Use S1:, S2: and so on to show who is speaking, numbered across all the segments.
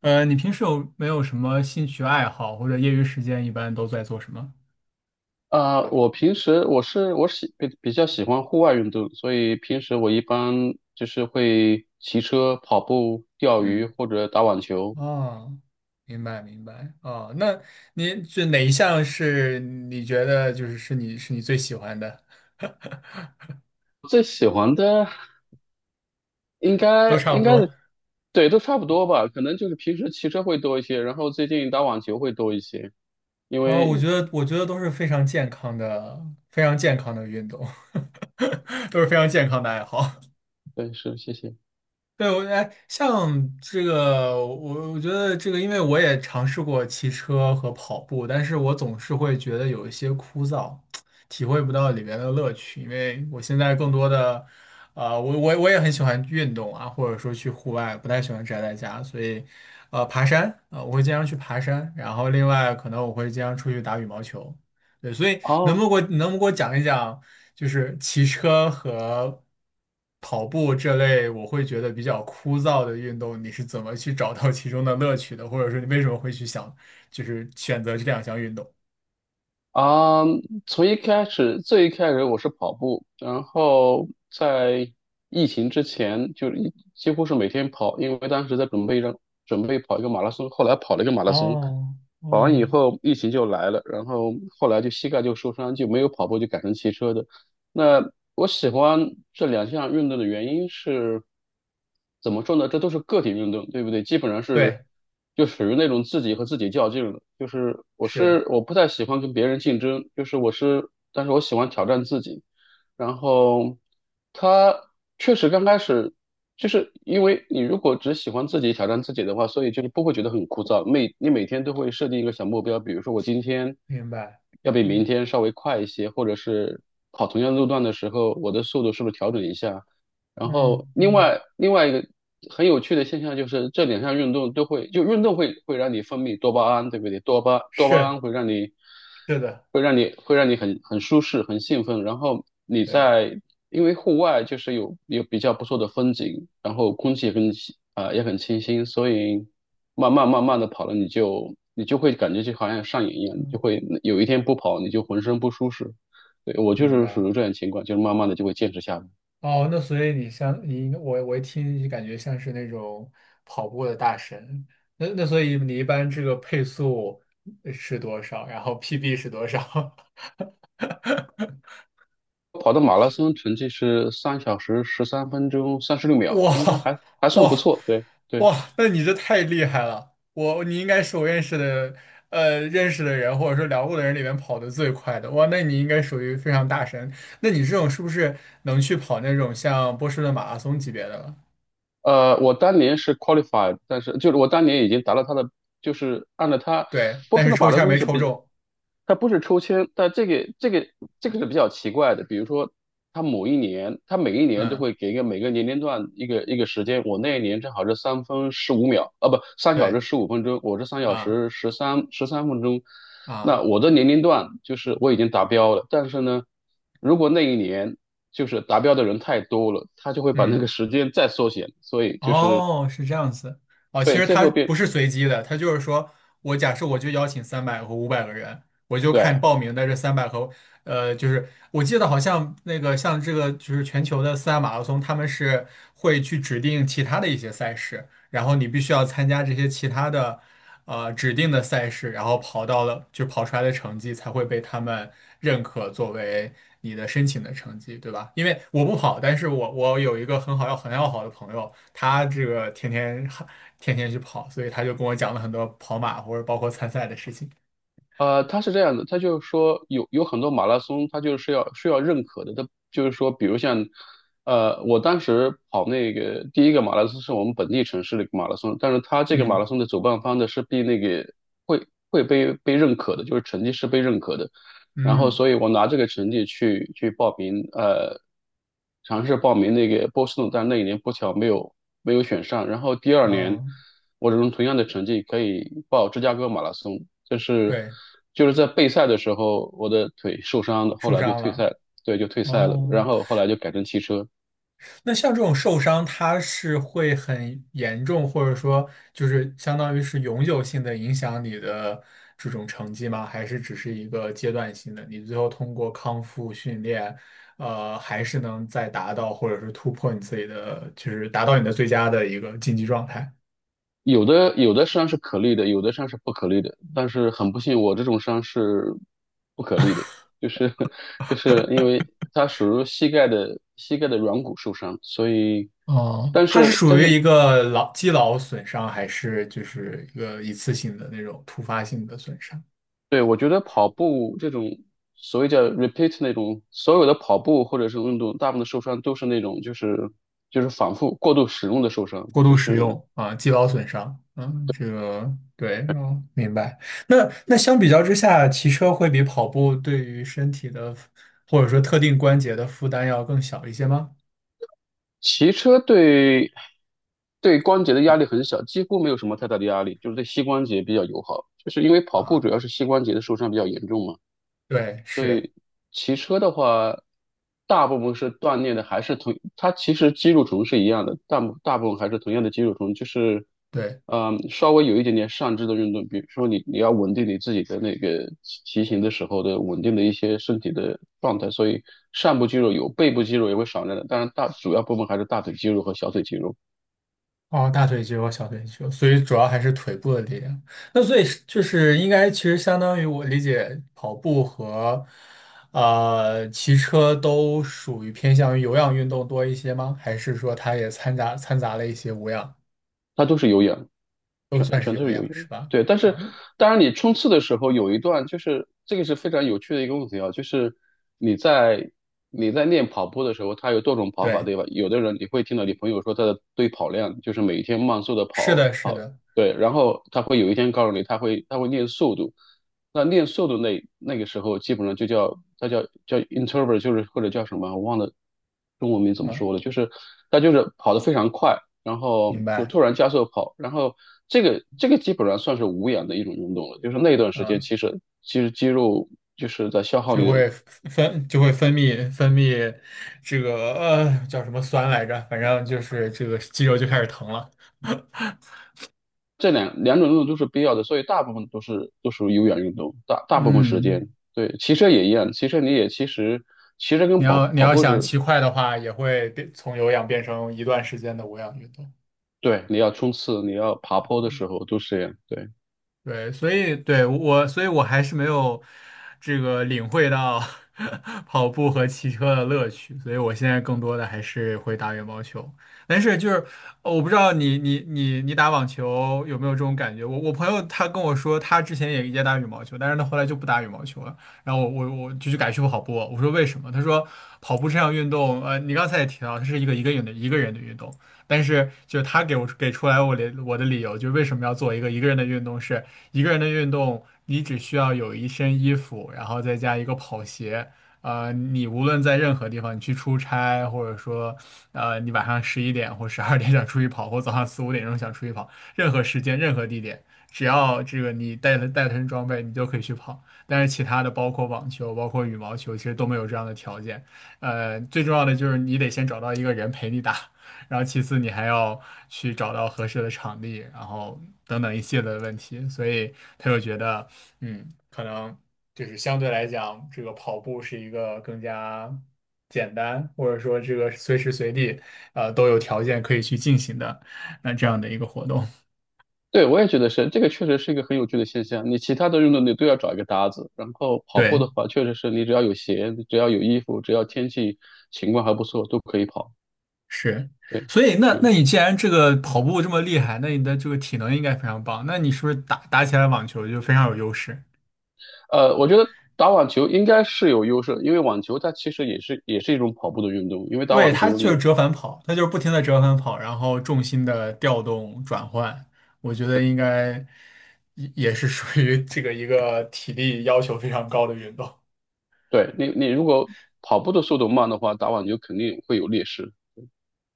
S1: 你平时有没有什么兴趣爱好，或者业余时间一般都在做什么？
S2: 我平时我是我喜比比较喜欢户外运动，所以平时我一般就是会骑车、跑步、钓鱼
S1: 嗯，
S2: 或者打网球。
S1: 哦，明白明白，哦，那您这哪一项是你觉得就是是你最喜欢的？
S2: 最喜欢的应
S1: 都
S2: 该
S1: 差不
S2: 应该
S1: 多。
S2: 是。对，都差不多吧，可能就是平时骑车会多一些，然后最近打网球会多一些，因
S1: 哦，我
S2: 为。
S1: 觉得我觉得都是非常健康的运动，都是非常健康的爱好。
S2: 对，是，谢谢。
S1: 对，像这个，我觉得这个，因为我也尝试过骑车和跑步，但是我总是会觉得有一些枯燥，体会不到里面的乐趣。因为我现在更多的，我也很喜欢运动啊，或者说去户外，不太喜欢宅在家，所以，爬山啊，呃我会经常去爬山，然后另外可能我会经常出去打羽毛球。对，所以能不
S2: 哦。
S1: 能给我能不能给我讲一讲？就是骑车和跑步这类，我会觉得比较枯燥的运动，你是怎么去找到其中的乐趣的？或者说你为什么会去想，就是选择这两项运动？
S2: 啊，从一开始，最一开始我是跑步，然后在疫情之前，几乎是每天跑，因为当时在准备准备跑一个马拉松，后来跑了一个马拉松，
S1: 哦
S2: 跑完以
S1: 哦，
S2: 后疫情就来了，然后后来就膝盖就受伤，就没有跑步，就改成骑车的。那我喜欢这两项运动的原因是，怎么说呢？这都是个体运动，对不对？基本上
S1: 对，
S2: 就属于那种自己和自己较劲了。就是我
S1: 是，
S2: 是我不太喜欢跟别人竞争，就是我是，但是我喜欢挑战自己。然后他确实刚开始就是因为你如果只喜欢自己挑战自己的话，所以就是不会觉得很枯燥。你每天都会设定一个小目标，比如说我今天
S1: 明白，
S2: 要比明
S1: 嗯
S2: 天稍微快一些，或者是跑同样路段的时候，我的速度是不是调整一下？然后
S1: 嗯
S2: 另
S1: 嗯
S2: 外另外一个很有趣的现象就是，这两项运动都会，就运动会让你分泌多巴胺，对不对？多巴多巴
S1: 是，
S2: 胺
S1: 是的，
S2: 会让你很舒适、很兴奋。然后
S1: 对，
S2: 因为户外就是有比较不错的风景，然后空气也很清新，所以慢慢的跑了，你就会感觉就好像上瘾一样，你就
S1: 嗯，
S2: 会有一天不跑你就浑身不舒适。对，我就
S1: 明
S2: 是属
S1: 白。
S2: 于这种情况，就是慢慢的就会坚持下来。
S1: 哦，那所以像你，我就感觉像是那种跑步的大神。那所以你一般这个配速是多少？然后 PB 是多少？
S2: 跑的马拉松成绩是三小时十三分钟三十六 秒，应该
S1: 哇
S2: 还算不
S1: 哇
S2: 错。对对，
S1: 哇！那你这太厉害了！你应该是我认识的人或者说聊过的人里面跑得最快的。哇，那你应该属于非常大神。那你这种是不是能去跑那种像波士顿马拉松级别的了？
S2: 我当年是 qualified，但是就是我当年已经达到他的，就是按照他
S1: 对，
S2: 播
S1: 但
S2: 出
S1: 是
S2: 的
S1: 抽
S2: 马拉
S1: 签儿
S2: 松
S1: 没
S2: 是
S1: 抽
S2: 比，
S1: 中。
S2: 他不是抽签，但这个是比较奇怪的。比如说，他某一年，他每一年都
S1: 嗯，
S2: 会给一个每个年龄段一个时间。我那一年正好是3分15秒，啊不，三小时
S1: 对
S2: 十五分钟，我是三小
S1: 啊。
S2: 时十三分钟。
S1: 啊，
S2: 那我的年龄段就是我已经达标了，但是呢，如果那一年就是达标的人太多了，他就会把那个
S1: 嗯，
S2: 时间再缩减，所以就是。
S1: 哦，是这样子，哦，其
S2: 对，
S1: 实
S2: 最
S1: 它
S2: 后
S1: 不
S2: 变。
S1: 是随机的，它就是说我假设我就邀请三百和500个人，我就看
S2: 对，
S1: 报名的这三百和就是我记得好像那个像这个就是全球的四大马拉松，他们是会去指定其他的一些赛事，然后你必须要参加这些其他的指定的赛事，然后跑到了就跑出来的成绩才会被他们认可作为你的申请的成绩，对吧？因为我不跑，但是我有一个很要好的朋友，他这个天天去跑，所以他就跟我讲了很多跑马或者包括参赛的事情。
S2: 他是这样的，他就是说有很多马拉松，他就是需要认可的，他就是说，比如像，我当时跑那个第一个马拉松是我们本地城市的一个马拉松，但是他这个马拉
S1: 嗯
S2: 松的主办方的是被那个会被认可的，就是成绩是被认可的。然后
S1: 嗯
S2: 所以我拿这个成绩去报名，尝试报名那个波士顿，但那一年不巧没有选上。然后第二年，
S1: 啊，
S2: 我用同样的成绩可以报芝加哥马拉松，就是
S1: 对，
S2: 就是在备赛的时候我的腿受伤了，后
S1: 受
S2: 来就
S1: 伤
S2: 退赛
S1: 了
S2: 了。对，就退赛了。
S1: 哦。
S2: 然后后来就改成汽车。
S1: 那像这种受伤，它是会很严重，或者说就是相当于是永久性的影响你的这种成绩吗？还是只是一个阶段性的？你最后通过康复训练，还是能再达到或者是突破你自己的，就是达到你的最佳的一个竞技状态。
S2: 有的伤是可逆的，有的伤是不可逆的。但是很不幸，我这种伤是不可逆的，就是 就是因为它属于膝盖的软骨受伤，所以
S1: 哦，它是属
S2: 但
S1: 于一
S2: 是。
S1: 个肌劳损伤，还是就是一个一次性的那种突发性的损伤？
S2: 对，我觉得跑步这种所谓叫 repeat 那种所有的跑步或者是运动，大部分的受伤都是那种就是反复过度使用的受伤，
S1: 过
S2: 就
S1: 度使
S2: 是。
S1: 用啊，肌劳损伤。嗯，这个对，哦，明白。那那相比较之下，骑车会比跑步对于身体的或者说特定关节的负担要更小一些吗？
S2: 骑车对关节的压力很小，几乎没有什么太大的压力，就是对膝关节比较友好。就是因为跑步主
S1: 啊，
S2: 要是膝关节的受伤比较严重嘛，
S1: 对，
S2: 所
S1: 是，
S2: 以骑车的话，大部分是锻炼的，还是同，它其实肌肉群是一样的，大部分还是同样的肌肉群，就是，
S1: 对。
S2: 嗯，稍微有一点点上肢的运动，比如说你要稳定你自己的那个骑行的时候的稳定的一些身体的状态，所以上部肌肉有，背部肌肉也会少量的，当然大主要部分还是大腿肌肉和小腿肌肉。
S1: 哦，大腿肌肉、小腿肌肉，所以主要还是腿部的力量。那所以是就是应该其实相当于我理解，跑步和骑车都属于偏向于有氧运动多一些吗？还是说它也掺杂了一些无氧？
S2: 它都是有氧，
S1: 都算是
S2: 全都
S1: 有
S2: 是有
S1: 氧
S2: 氧。
S1: 是吧？
S2: 对，但是
S1: 啊，
S2: 当然你冲刺的时候有一段，就是这个是非常有趣的一个问题啊，就是你在你在练跑步的时候，它有多种跑法，
S1: 对，
S2: 对吧？有的人你会听到你朋友说他的堆跑量，就是每天慢速的
S1: 是
S2: 跑
S1: 的，是
S2: 跑，
S1: 的，
S2: 对，然后他会有一天告诉你他会练速度。那练瘦的那个时候，基本上就叫它叫 introvert，就是或者叫什么，我忘了中文名怎么
S1: 啊，
S2: 说了，就是它就是跑得非常快，然后
S1: 明
S2: 就
S1: 白，
S2: 突然加速跑，然后这个基本上算是无氧的一种运动了，就是那段时间
S1: 啊，
S2: 其实肌肉就是在消耗
S1: 就
S2: 你的，
S1: 会分就会分泌分泌这个叫什么酸来着？反正就是这个肌肉就开始疼了。
S2: 这两种运动都是必要的，所以大部分都是都属于有氧运动，大部分时
S1: 嗯，
S2: 间。对，骑车也一样，骑车你也其实骑车跟
S1: 你要你
S2: 跑
S1: 要
S2: 步
S1: 想
S2: 是，
S1: 骑快的话，也会变从有氧变成一段时间的无氧运动。
S2: 对，你要冲刺，你要爬坡的时候都是这样，对。
S1: 对，所以对我，所以我还是没有这个领会到 跑步和骑车的乐趣，所以我现在更多的还是会打羽毛球。但是就是我不知道你打网球有没有这种感觉？我朋友他跟我说，他之前也打羽毛球，但是他后来就不打羽毛球了。然后我就去改去跑步。我说为什么？他说跑步这项运动，你刚才也提到，它是一个人的运动。但是，就他给我给出来我的理由，就是为什么要做一个人的运动是，一个人的运动，你只需要有一身衣服，然后再加一个跑鞋。你无论在任何地方，你去出差，或者说，你晚上11点或12点想出去跑，或早上四五点钟想出去跑，任何时间、任何地点，只要这个你带了身装备，你就可以去跑。但是其他的，包括网球、包括羽毛球，其实都没有这样的条件。最重要的就是你得先找到一个人陪你打。然后其次你还要去找到合适的场地，然后等等一系列的问题，所以他就觉得，嗯，可能就是相对来讲，这个跑步是一个更加简单，或者说这个随时随地，都有条件可以去进行的，那这样的一个活动，
S2: 对，我也觉得是，这个确实是一个很有趣的现象。你其他的运动你都要找一个搭子，然后跑步
S1: 对，
S2: 的话，确实是你只要有鞋，只要有衣服，只要天气情况还不错，都可以跑。
S1: 是。
S2: 对，
S1: 所以那
S2: 是，
S1: 你既然这个跑步这么厉害，那你的这个体能应该非常棒，那你是不是打起来网球就非常有优势？
S2: 我觉得打网球应该是有优势，因为网球它其实也是一种跑步的运动，因为打
S1: 对，
S2: 网
S1: 它
S2: 球
S1: 就是
S2: 你。
S1: 折返跑，它就是不停的折返跑，然后重心的调动转换，我觉得应该也是属于这个一个体力要求非常高的运动。
S2: 对。你如果跑步的速度慢的话，打网球肯定会有劣势。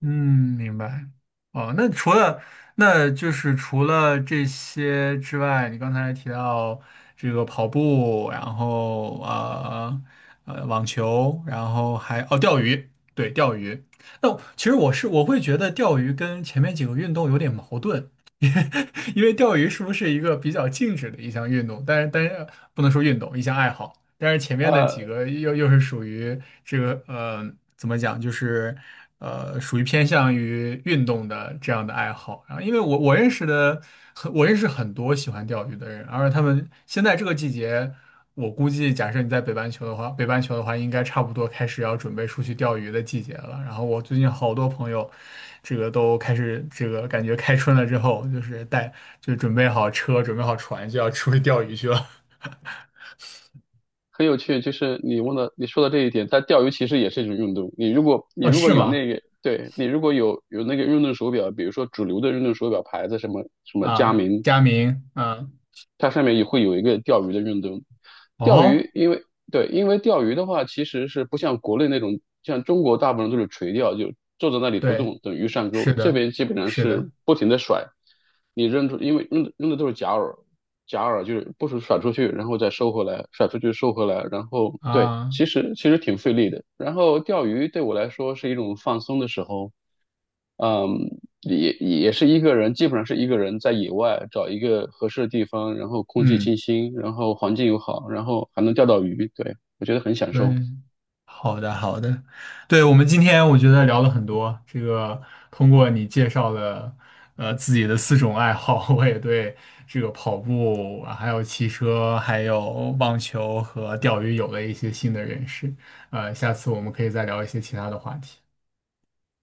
S1: 嗯，明白。哦，那就是除了这些之外，你刚才提到这个跑步，然后网球，然后还钓鱼，对钓鱼。那其实我会觉得钓鱼跟前面几个运动有点矛盾。因为钓鱼是不是一个比较静止的一项运动？但是不能说运动，一项爱好。但是前面的几
S2: 呃，
S1: 个又是属于这个怎么讲，就是属于偏向于运动的这样的爱好。然后，因为我认识很多喜欢钓鱼的人，而他们现在这个季节。我估计，假设你在北半球的话，应该差不多开始要准备出去钓鱼的季节了。然后我最近好多朋友，这个都开始这个感觉开春了之后，就是带就准备好车，准备好船，就要出去钓鱼去了。
S2: 很有趣，就是你问的，你说的这一点，但钓鱼其实也是一种运动。你如果 你
S1: 哦，
S2: 如果
S1: 是
S2: 有
S1: 吗？
S2: 那个，对，你如果有那个运动手表，比如说主流的运动手表牌子，什么什么佳
S1: 啊，
S2: 明，
S1: 佳明，啊，
S2: 它上面也会有一个钓鱼的运动。钓
S1: 哦，
S2: 鱼，因为。对，因为钓鱼的话，其实是不像国内那种，像中国大部分都是垂钓，就坐在那里不
S1: 对，
S2: 动，等鱼上
S1: 是
S2: 钩。这
S1: 的，
S2: 边基本上
S1: 是
S2: 是
S1: 的，
S2: 不停的甩，你扔出，因为扔的都是假饵，假饵就是不是甩出去，然后再收回来，甩出去收回来，然后对，
S1: 啊，
S2: 其实挺费力的。然后钓鱼对我来说是一种放松的时候。嗯，也是一个人，基本上是一个人在野外找一个合适的地方，然后空气
S1: 嗯。
S2: 清新，然后环境又好，然后还能钓到鱼，对，我觉得很享受。
S1: 对，好的好的，对，我们今天我觉得聊了很多，这个通过你介绍了自己的四种爱好，我也对这个跑步，还有骑车，还有网球和钓鱼有了一些新的认识。下次我们可以再聊一些其他的话题。